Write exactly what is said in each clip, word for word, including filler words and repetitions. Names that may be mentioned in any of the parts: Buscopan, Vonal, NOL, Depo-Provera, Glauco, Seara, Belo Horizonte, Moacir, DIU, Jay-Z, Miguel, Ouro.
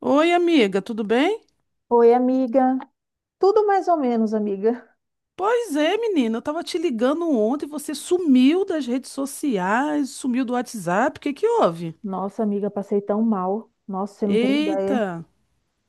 Oi, amiga, tudo bem? Oi, amiga. Tudo mais ou menos, amiga. Pois é, menina, eu tava te ligando ontem, você sumiu das redes sociais, sumiu do WhatsApp, o que que houve? Nossa, amiga, passei tão mal. Nossa, você não tem ideia. Eita,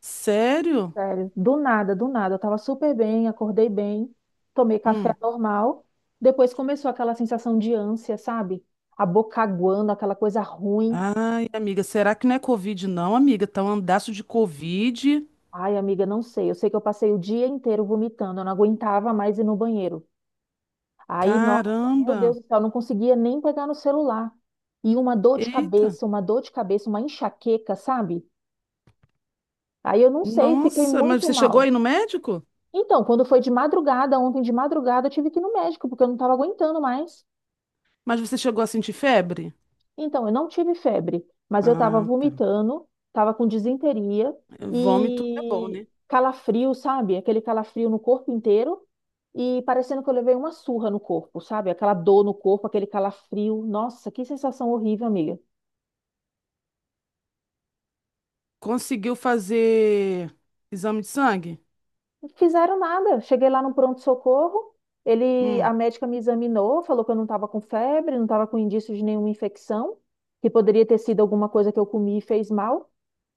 sério? Sério. Do nada, do nada. Eu tava super bem, acordei bem, tomei café Hum. normal. Depois começou aquela sensação de ânsia, sabe? A boca aguando, aquela coisa ruim. Ai, amiga, será que não é Covid não, amiga? Tá um andaço de Covid. Ai, amiga, não sei. Eu sei que eu passei o dia inteiro vomitando. Eu não aguentava mais ir no banheiro. Aí, nossa, meu Caramba. Deus do céu, eu não conseguia nem pegar no celular. E uma dor de Eita. cabeça, uma dor de cabeça, uma enxaqueca, sabe? Aí eu não sei, fiquei Nossa, mas muito você chegou mal. aí no médico? Então, quando foi de madrugada, ontem de madrugada, eu tive que ir no médico, porque eu não estava aguentando mais. Mas você chegou a sentir febre? Então, eu não tive febre, mas eu estava Ah, tá. vomitando, estava com disenteria Vômito é bom, e né? calafrio, sabe? Aquele calafrio no corpo inteiro e parecendo que eu levei uma surra no corpo, sabe? Aquela dor no corpo, aquele calafrio. Nossa, que sensação horrível, amiga. Conseguiu fazer exame de sangue? Não fizeram nada. Cheguei lá no pronto-socorro, ele, Hum. a médica me examinou, falou que eu não estava com febre, não estava com indício de nenhuma infecção, que poderia ter sido alguma coisa que eu comi e fez mal.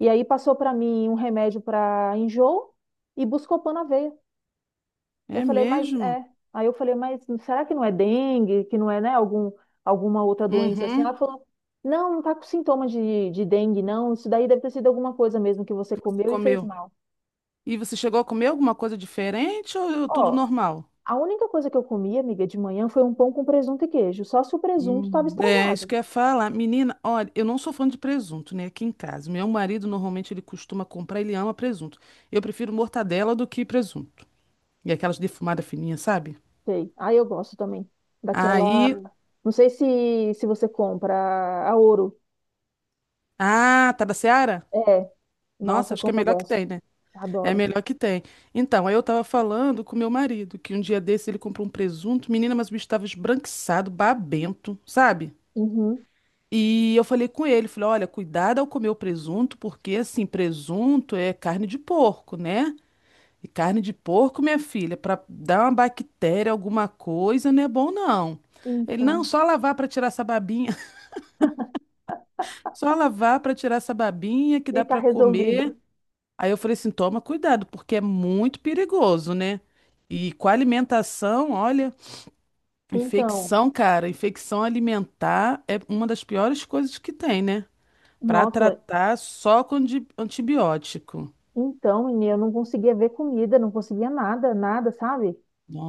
E aí passou para mim um remédio para enjoo e Buscopan na veia. Eu É falei, mas mesmo? é. Aí eu falei, mas será que não é dengue, que não é, né, algum, alguma outra doença assim? Uhum. Ela falou, não, não tá com sintoma de, de dengue, não. Isso daí deve ter sido alguma coisa mesmo que você Que você comeu e fez comeu. mal. E você chegou a comer alguma coisa diferente ou tudo Ó, normal? a única coisa que eu comi, amiga, de manhã foi um pão com presunto e queijo, só se o presunto estava Hum, é, isso estragado. que eu ia falar. Menina, olha, eu não sou fã de presunto, né? Aqui em casa. Meu marido normalmente ele costuma comprar, ele ama presunto. Eu prefiro mortadela do que presunto. E aquelas defumadas fininhas, sabe? Sei. Ah, eu gosto também daquela. Aí. Não sei se, se você compra a Ouro. Ah, tá da Seara? É, Nossa, nossa, acho que é como eu melhor que gosto. tem, né? É Adoro. melhor que tem. Então, aí eu tava falando com meu marido que um dia desse ele comprou um presunto. Menina, mas o bicho tava esbranquiçado, babento, sabe? Uhum. E eu falei com ele, falei, olha, cuidado ao comer o presunto, porque assim, presunto é carne de porco, né? E carne de porco, minha filha, para dar uma bactéria, alguma coisa, não é bom não. Ele, não, Então. só lavar para tirar essa babinha, só lavar para tirar essa babinha que E dá tá para resolvido. comer. Aí eu falei assim, toma cuidado, porque é muito perigoso, né? E com a alimentação, olha, Então, infecção, cara, infecção alimentar é uma das piores coisas que tem, né? Para nossa, tratar só com di- antibiótico. então, menina, eu não conseguia ver comida, não conseguia nada, nada, sabe?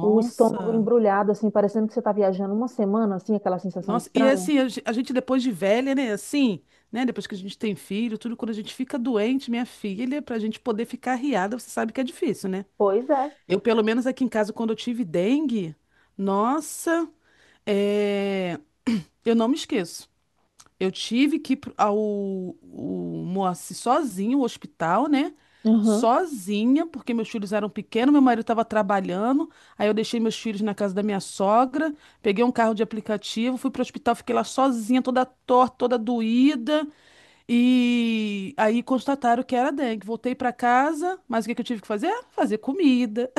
O estômago embrulhado, assim, parecendo que você tá viajando uma semana, assim, aquela sensação Nossa, e estranha. assim, a ge- a gente depois de velha, né? Assim, né? Depois que a gente tem filho, tudo, quando a gente fica doente, minha filha, pra gente poder ficar arriada, você sabe que é difícil, né? Pois é. Eu, pelo menos aqui em casa, quando eu tive dengue, nossa, é, eu não me esqueço. Eu tive que ir pro- ao o Moacir sozinho, o hospital, né? Uhum. Sozinha, porque meus filhos eram pequenos, meu marido estava trabalhando. Aí eu deixei meus filhos na casa da minha sogra, peguei um carro de aplicativo, fui pro hospital, fiquei lá sozinha, toda torta, toda doída. E aí constataram que era dengue. Voltei para casa, mas o que que eu tive que fazer? Fazer comida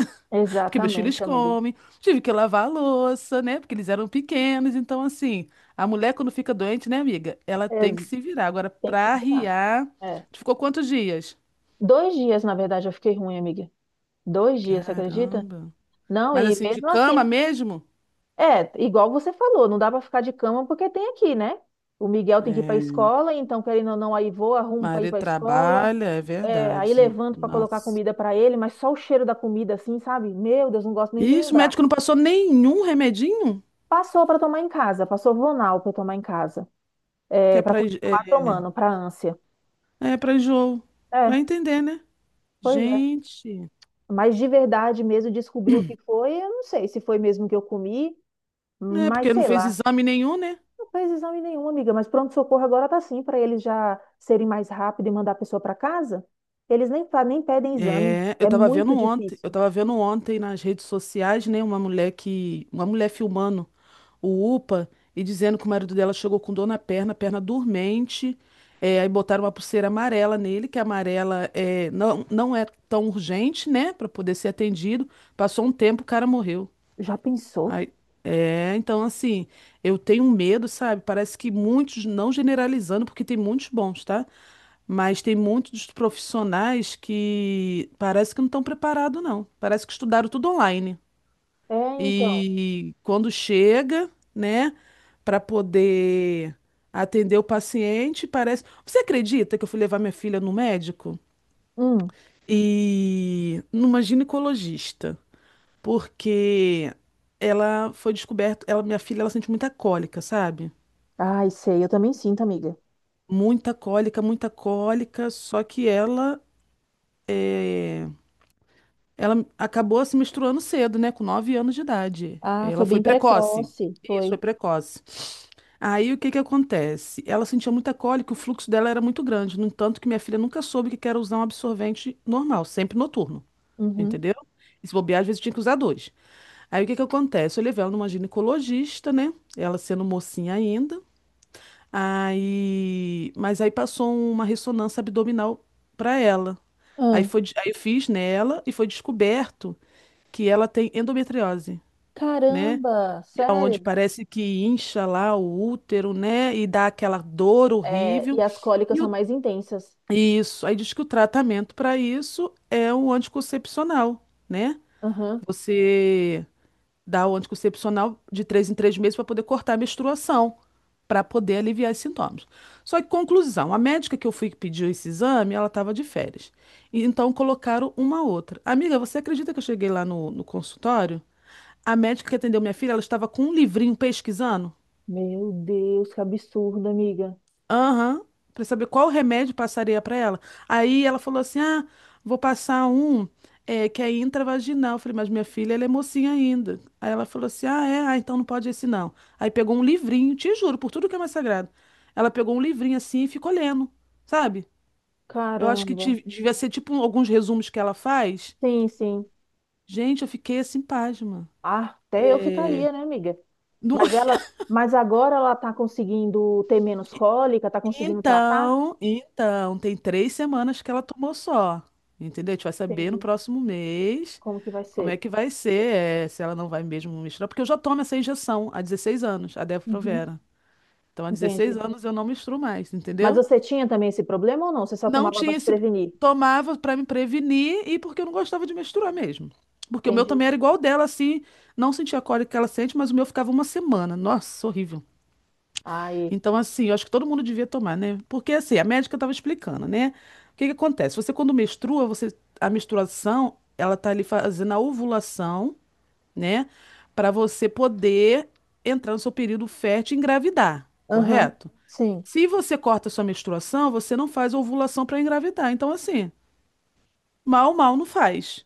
porque meus filhos Exatamente, amiga. comem, tive que lavar a louça, né? Porque eles eram pequenos. Então, assim, a mulher quando fica doente, né, amiga? Ela tem que Ex- se virar. Agora, Tem que pra dar. arriar, É. tu ficou quantos dias? Dois dias, na verdade, eu fiquei ruim, amiga. Dois dias, você acredita? Caramba. Não, Mas e assim, de mesmo cama assim, mesmo? é, igual você falou, não dá pra ficar de cama porque tem aqui, né? O Miguel tem que ir pra escola, então, querendo ou não, aí vou, arrumo pra ir Marido pra escola. trabalha, é É, aí verdade. levanto pra colocar Nossa. comida pra ele, mas só o cheiro da comida, assim, sabe? Meu Deus, não gosto nem de Isso, o lembrar. médico não passou nenhum remedinho Passou pra tomar em casa, passou Vonal pra tomar em casa, que é, é para pra, enj- é, continuar tomando, pra ânsia. é pra enjoo. É, Vai entender, né? pois é. Gente. Mas de verdade mesmo descobrir o que foi, eu não sei se foi mesmo que eu comi, É, mas porque não sei fez lá. exame nenhum, né? Não fez exame nenhum, amiga, mas pronto-socorro agora tá assim para eles já serem mais rápido e mandar a pessoa para casa. Eles nem, fa- nem pedem exame. É, eu É tava vendo muito ontem, difícil. eu tava vendo ontem nas redes sociais, né, uma mulher que, uma mulher filmando o UPA e dizendo que o marido dela chegou com dor na perna, perna dormente, é, aí botaram uma pulseira amarela nele, que a amarela é, não, não é tão urgente, né, pra poder ser atendido. Passou um tempo, o cara morreu. Já pensou? Aí, é, então assim, eu tenho medo, sabe? Parece que muitos, não generalizando, porque tem muitos bons, tá? Mas tem muitos profissionais que parece que não estão preparados, não. Parece que estudaram tudo online. É, então. E quando chega, né, para poder atender o paciente, parece. Você acredita que eu fui levar minha filha no médico? Hum. E numa ginecologista, porque ela foi descoberta, ela, minha filha, ela sente muita cólica, sabe? Ai, sei, eu também sinto, amiga. Muita cólica, muita cólica, só que ela Ela acabou se menstruando cedo, né? Com nove anos de idade. Ah, foi Ela foi bem precoce. precoce. Isso, Foi. foi precoce. Aí o que que acontece? Ela sentia muita cólica, o fluxo dela era muito grande. No entanto, que minha filha nunca soube que era usar um absorvente normal, sempre noturno. Uhum. Entendeu? E se bobear, às vezes tinha que usar dois. Aí o que que acontece? Eu levei ela numa ginecologista, né? Ela sendo mocinha ainda. Aí. Mas aí passou uma ressonância abdominal pra ela. Aí Ah, foi, de- aí eu fiz nela e foi descoberto que ela tem endometriose, né? caramba, Que é onde sério? parece que incha lá o útero, né? E dá aquela dor É, horrível. e as cólicas E são o- mais intensas. isso, aí diz que o tratamento para isso é o anticoncepcional, né? Aham. Você dá o anticoncepcional de três em três meses para poder cortar a menstruação, para poder aliviar os sintomas. Só que, conclusão, a médica que eu fui que pediu esse exame, ela estava de férias. E então colocaram uma outra. Amiga, você acredita que eu cheguei lá no no consultório? A médica que atendeu minha filha, ela estava com um livrinho pesquisando. Meu Deus, que absurdo, amiga. Aham. Pra saber qual remédio passaria pra ela. Aí ela falou assim: Ah, vou passar um eh, que é intravaginal. Eu falei, mas minha filha, ela é mocinha ainda. Aí ela falou assim: Ah, é? Ah, então não pode esse não. Aí pegou um livrinho, te juro, por tudo que é mais sagrado. Ela pegou um livrinho assim e ficou lendo, sabe? Eu acho que Caramba. tive- devia ser tipo alguns resumos que ela faz. Sim, sim. Gente, eu fiquei assim, pasma. Ah, até eu ficaria, né, amiga? Não- Mas ela, mas agora ela tá conseguindo ter menos cólica, tá conseguindo tratar? Então, então, tem três semanas que ela tomou só. Entendeu? A gente vai saber no Entendi. próximo mês Como que vai como ser? é que vai ser, é, se ela não vai mesmo misturar, porque eu já tomo essa injeção há dezesseis anos, a Uhum. Depo-Provera. Então, há dezesseis Entendi. anos eu não misturo mais, Mas entendeu? você tinha também esse problema ou não? Você só Não tomava para tinha se esse. prevenir? Tomava pra me prevenir e porque eu não gostava de misturar mesmo. Porque o meu também Entendi. era igual o dela, assim, não sentia a cólica que ela sente, mas o meu ficava uma semana. Nossa, horrível. Aí. Então, assim, eu acho que todo mundo devia tomar, né? Porque, assim, a médica estava explicando, né? O que que acontece? Você, quando menstrua, você, a menstruação, ela tá ali fazendo a ovulação, né? Para você poder entrar no seu período fértil e engravidar, Aham. correto? Sim. Se você corta a sua menstruação, você não faz ovulação para engravidar. Então, assim, mal, mal não faz,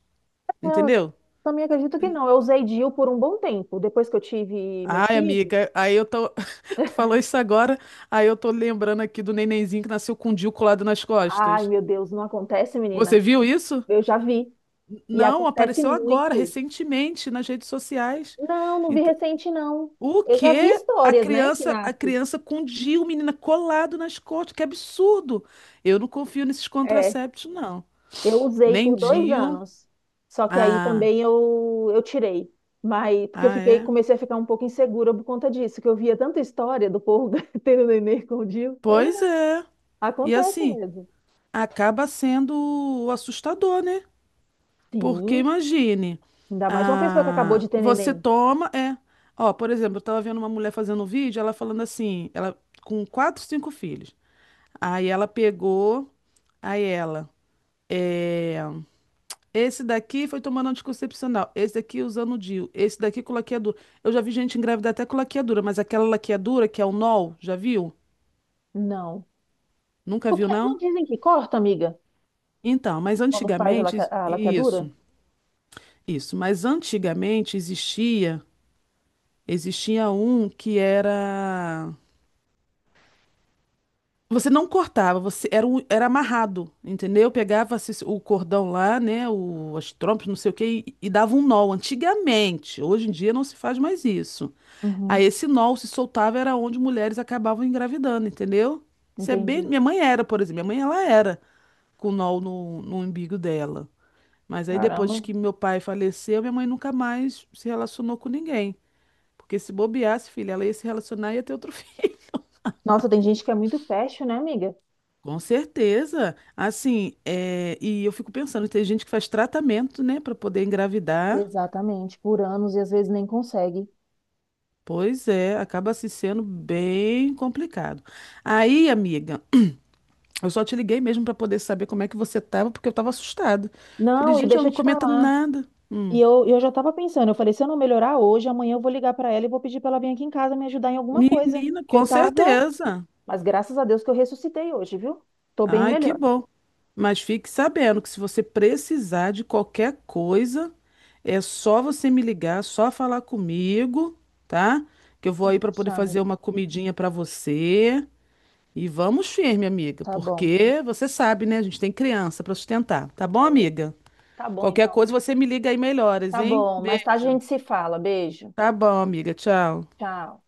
Eu entendeu? também acredito que não. Eu usei D I U por um bom tempo. Depois que eu tive meu Ai, filho, amiga, aí eu tô. Tu falou isso agora, aí eu tô lembrando aqui do nenenzinho que nasceu com o D I U colado nas ai, costas. meu Deus, não acontece, Você menina. viu isso? Eu já vi. E Não, acontece apareceu agora, muito. recentemente, nas redes sociais. Não, não vi Ent- recente, não. o Eu já vi quê? A histórias, né, que criança, a nasce. criança com o D I U, menina, colado nas costas, que absurdo! Eu não confio nesses É, contraceptivos, não. eu usei Nem por dois D I U. anos. Só que aí Ah, também eu, eu tirei. Mas, porque eu ah, fiquei, é? comecei a ficar um pouco insegura por conta disso, que eu via tanta história do povo tendo neném escondido. Pois é. E Acontece assim, mesmo. acaba sendo assustador, né? Porque Sim, imagine, ainda mais uma pessoa que acabou ah, de ter você neném. toma, é. Ó, por exemplo, eu tava vendo uma mulher fazendo um vídeo, ela falando assim, ela com quatro, cinco filhos. Aí ela pegou, aí ela, é, esse daqui foi tomando anticoncepcional, esse daqui usando o D I U, esse daqui com laqueadura. Eu já vi gente engravidar até com laqueadura, mas aquela laqueadura que é o nol, já viu? Não. Nunca viu, Porque não não? dizem que corta, amiga, Então, mas quando faz a laque- antigamente, a laqueadura? isso, isso, mas antigamente existia. Existia um que era. Você não cortava, você era, um- era amarrado, entendeu? Pegava esse- o cordão lá, né? O, as trompas, não sei o quê, e, e dava um nó. Antigamente, hoje em dia não se faz mais isso. Uhum, Aí esse nó se soltava era onde mulheres acabavam engravidando, entendeu? Isso é bem. entendi. Minha mãe era, por exemplo. Minha mãe ela era com nó no, no, umbigo dela. Mas aí depois Caramba. que meu pai faleceu, minha mãe nunca mais se relacionou com ninguém. Porque se bobeasse, filha, ela ia se relacionar e ia ter outro. Nossa, tem gente que é muito fashion, né, amiga? Com certeza. Assim, é, e eu fico pensando, tem gente que faz tratamento, né, para poder engravidar. Exatamente, por anos e às vezes nem consegue. Pois é, acaba se sendo bem complicado. Aí, amiga, eu só te liguei mesmo para poder saber como é que você tava, porque eu tava assustada. Falei, Não, e gente, ela deixa eu não te comenta falar. nada. E Hum. eu, eu já estava pensando, eu falei, se eu não melhorar hoje, amanhã eu vou ligar para ela e vou pedir para ela vir aqui em casa me ajudar em alguma coisa. Menina, Que eu com tava, certeza. mas graças a Deus que eu ressuscitei hoje, viu? Tô bem Ai, que melhor. bom. Mas fique sabendo que se você precisar de qualquer coisa, é só você me ligar, só falar comigo, tá? Que eu vou aí Pode para poder deixar, fazer amigo. uma comidinha para você. E vamos firme, amiga, Tá bom. porque você sabe, né? A gente tem criança para sustentar, tá bom, amiga? Tá bom, Qualquer então. coisa Amigo. você me liga aí melhoras, Tá hein? bom, mais tarde a Beijo. gente se fala. Beijo. Tá bom, amiga. Tchau. Tchau.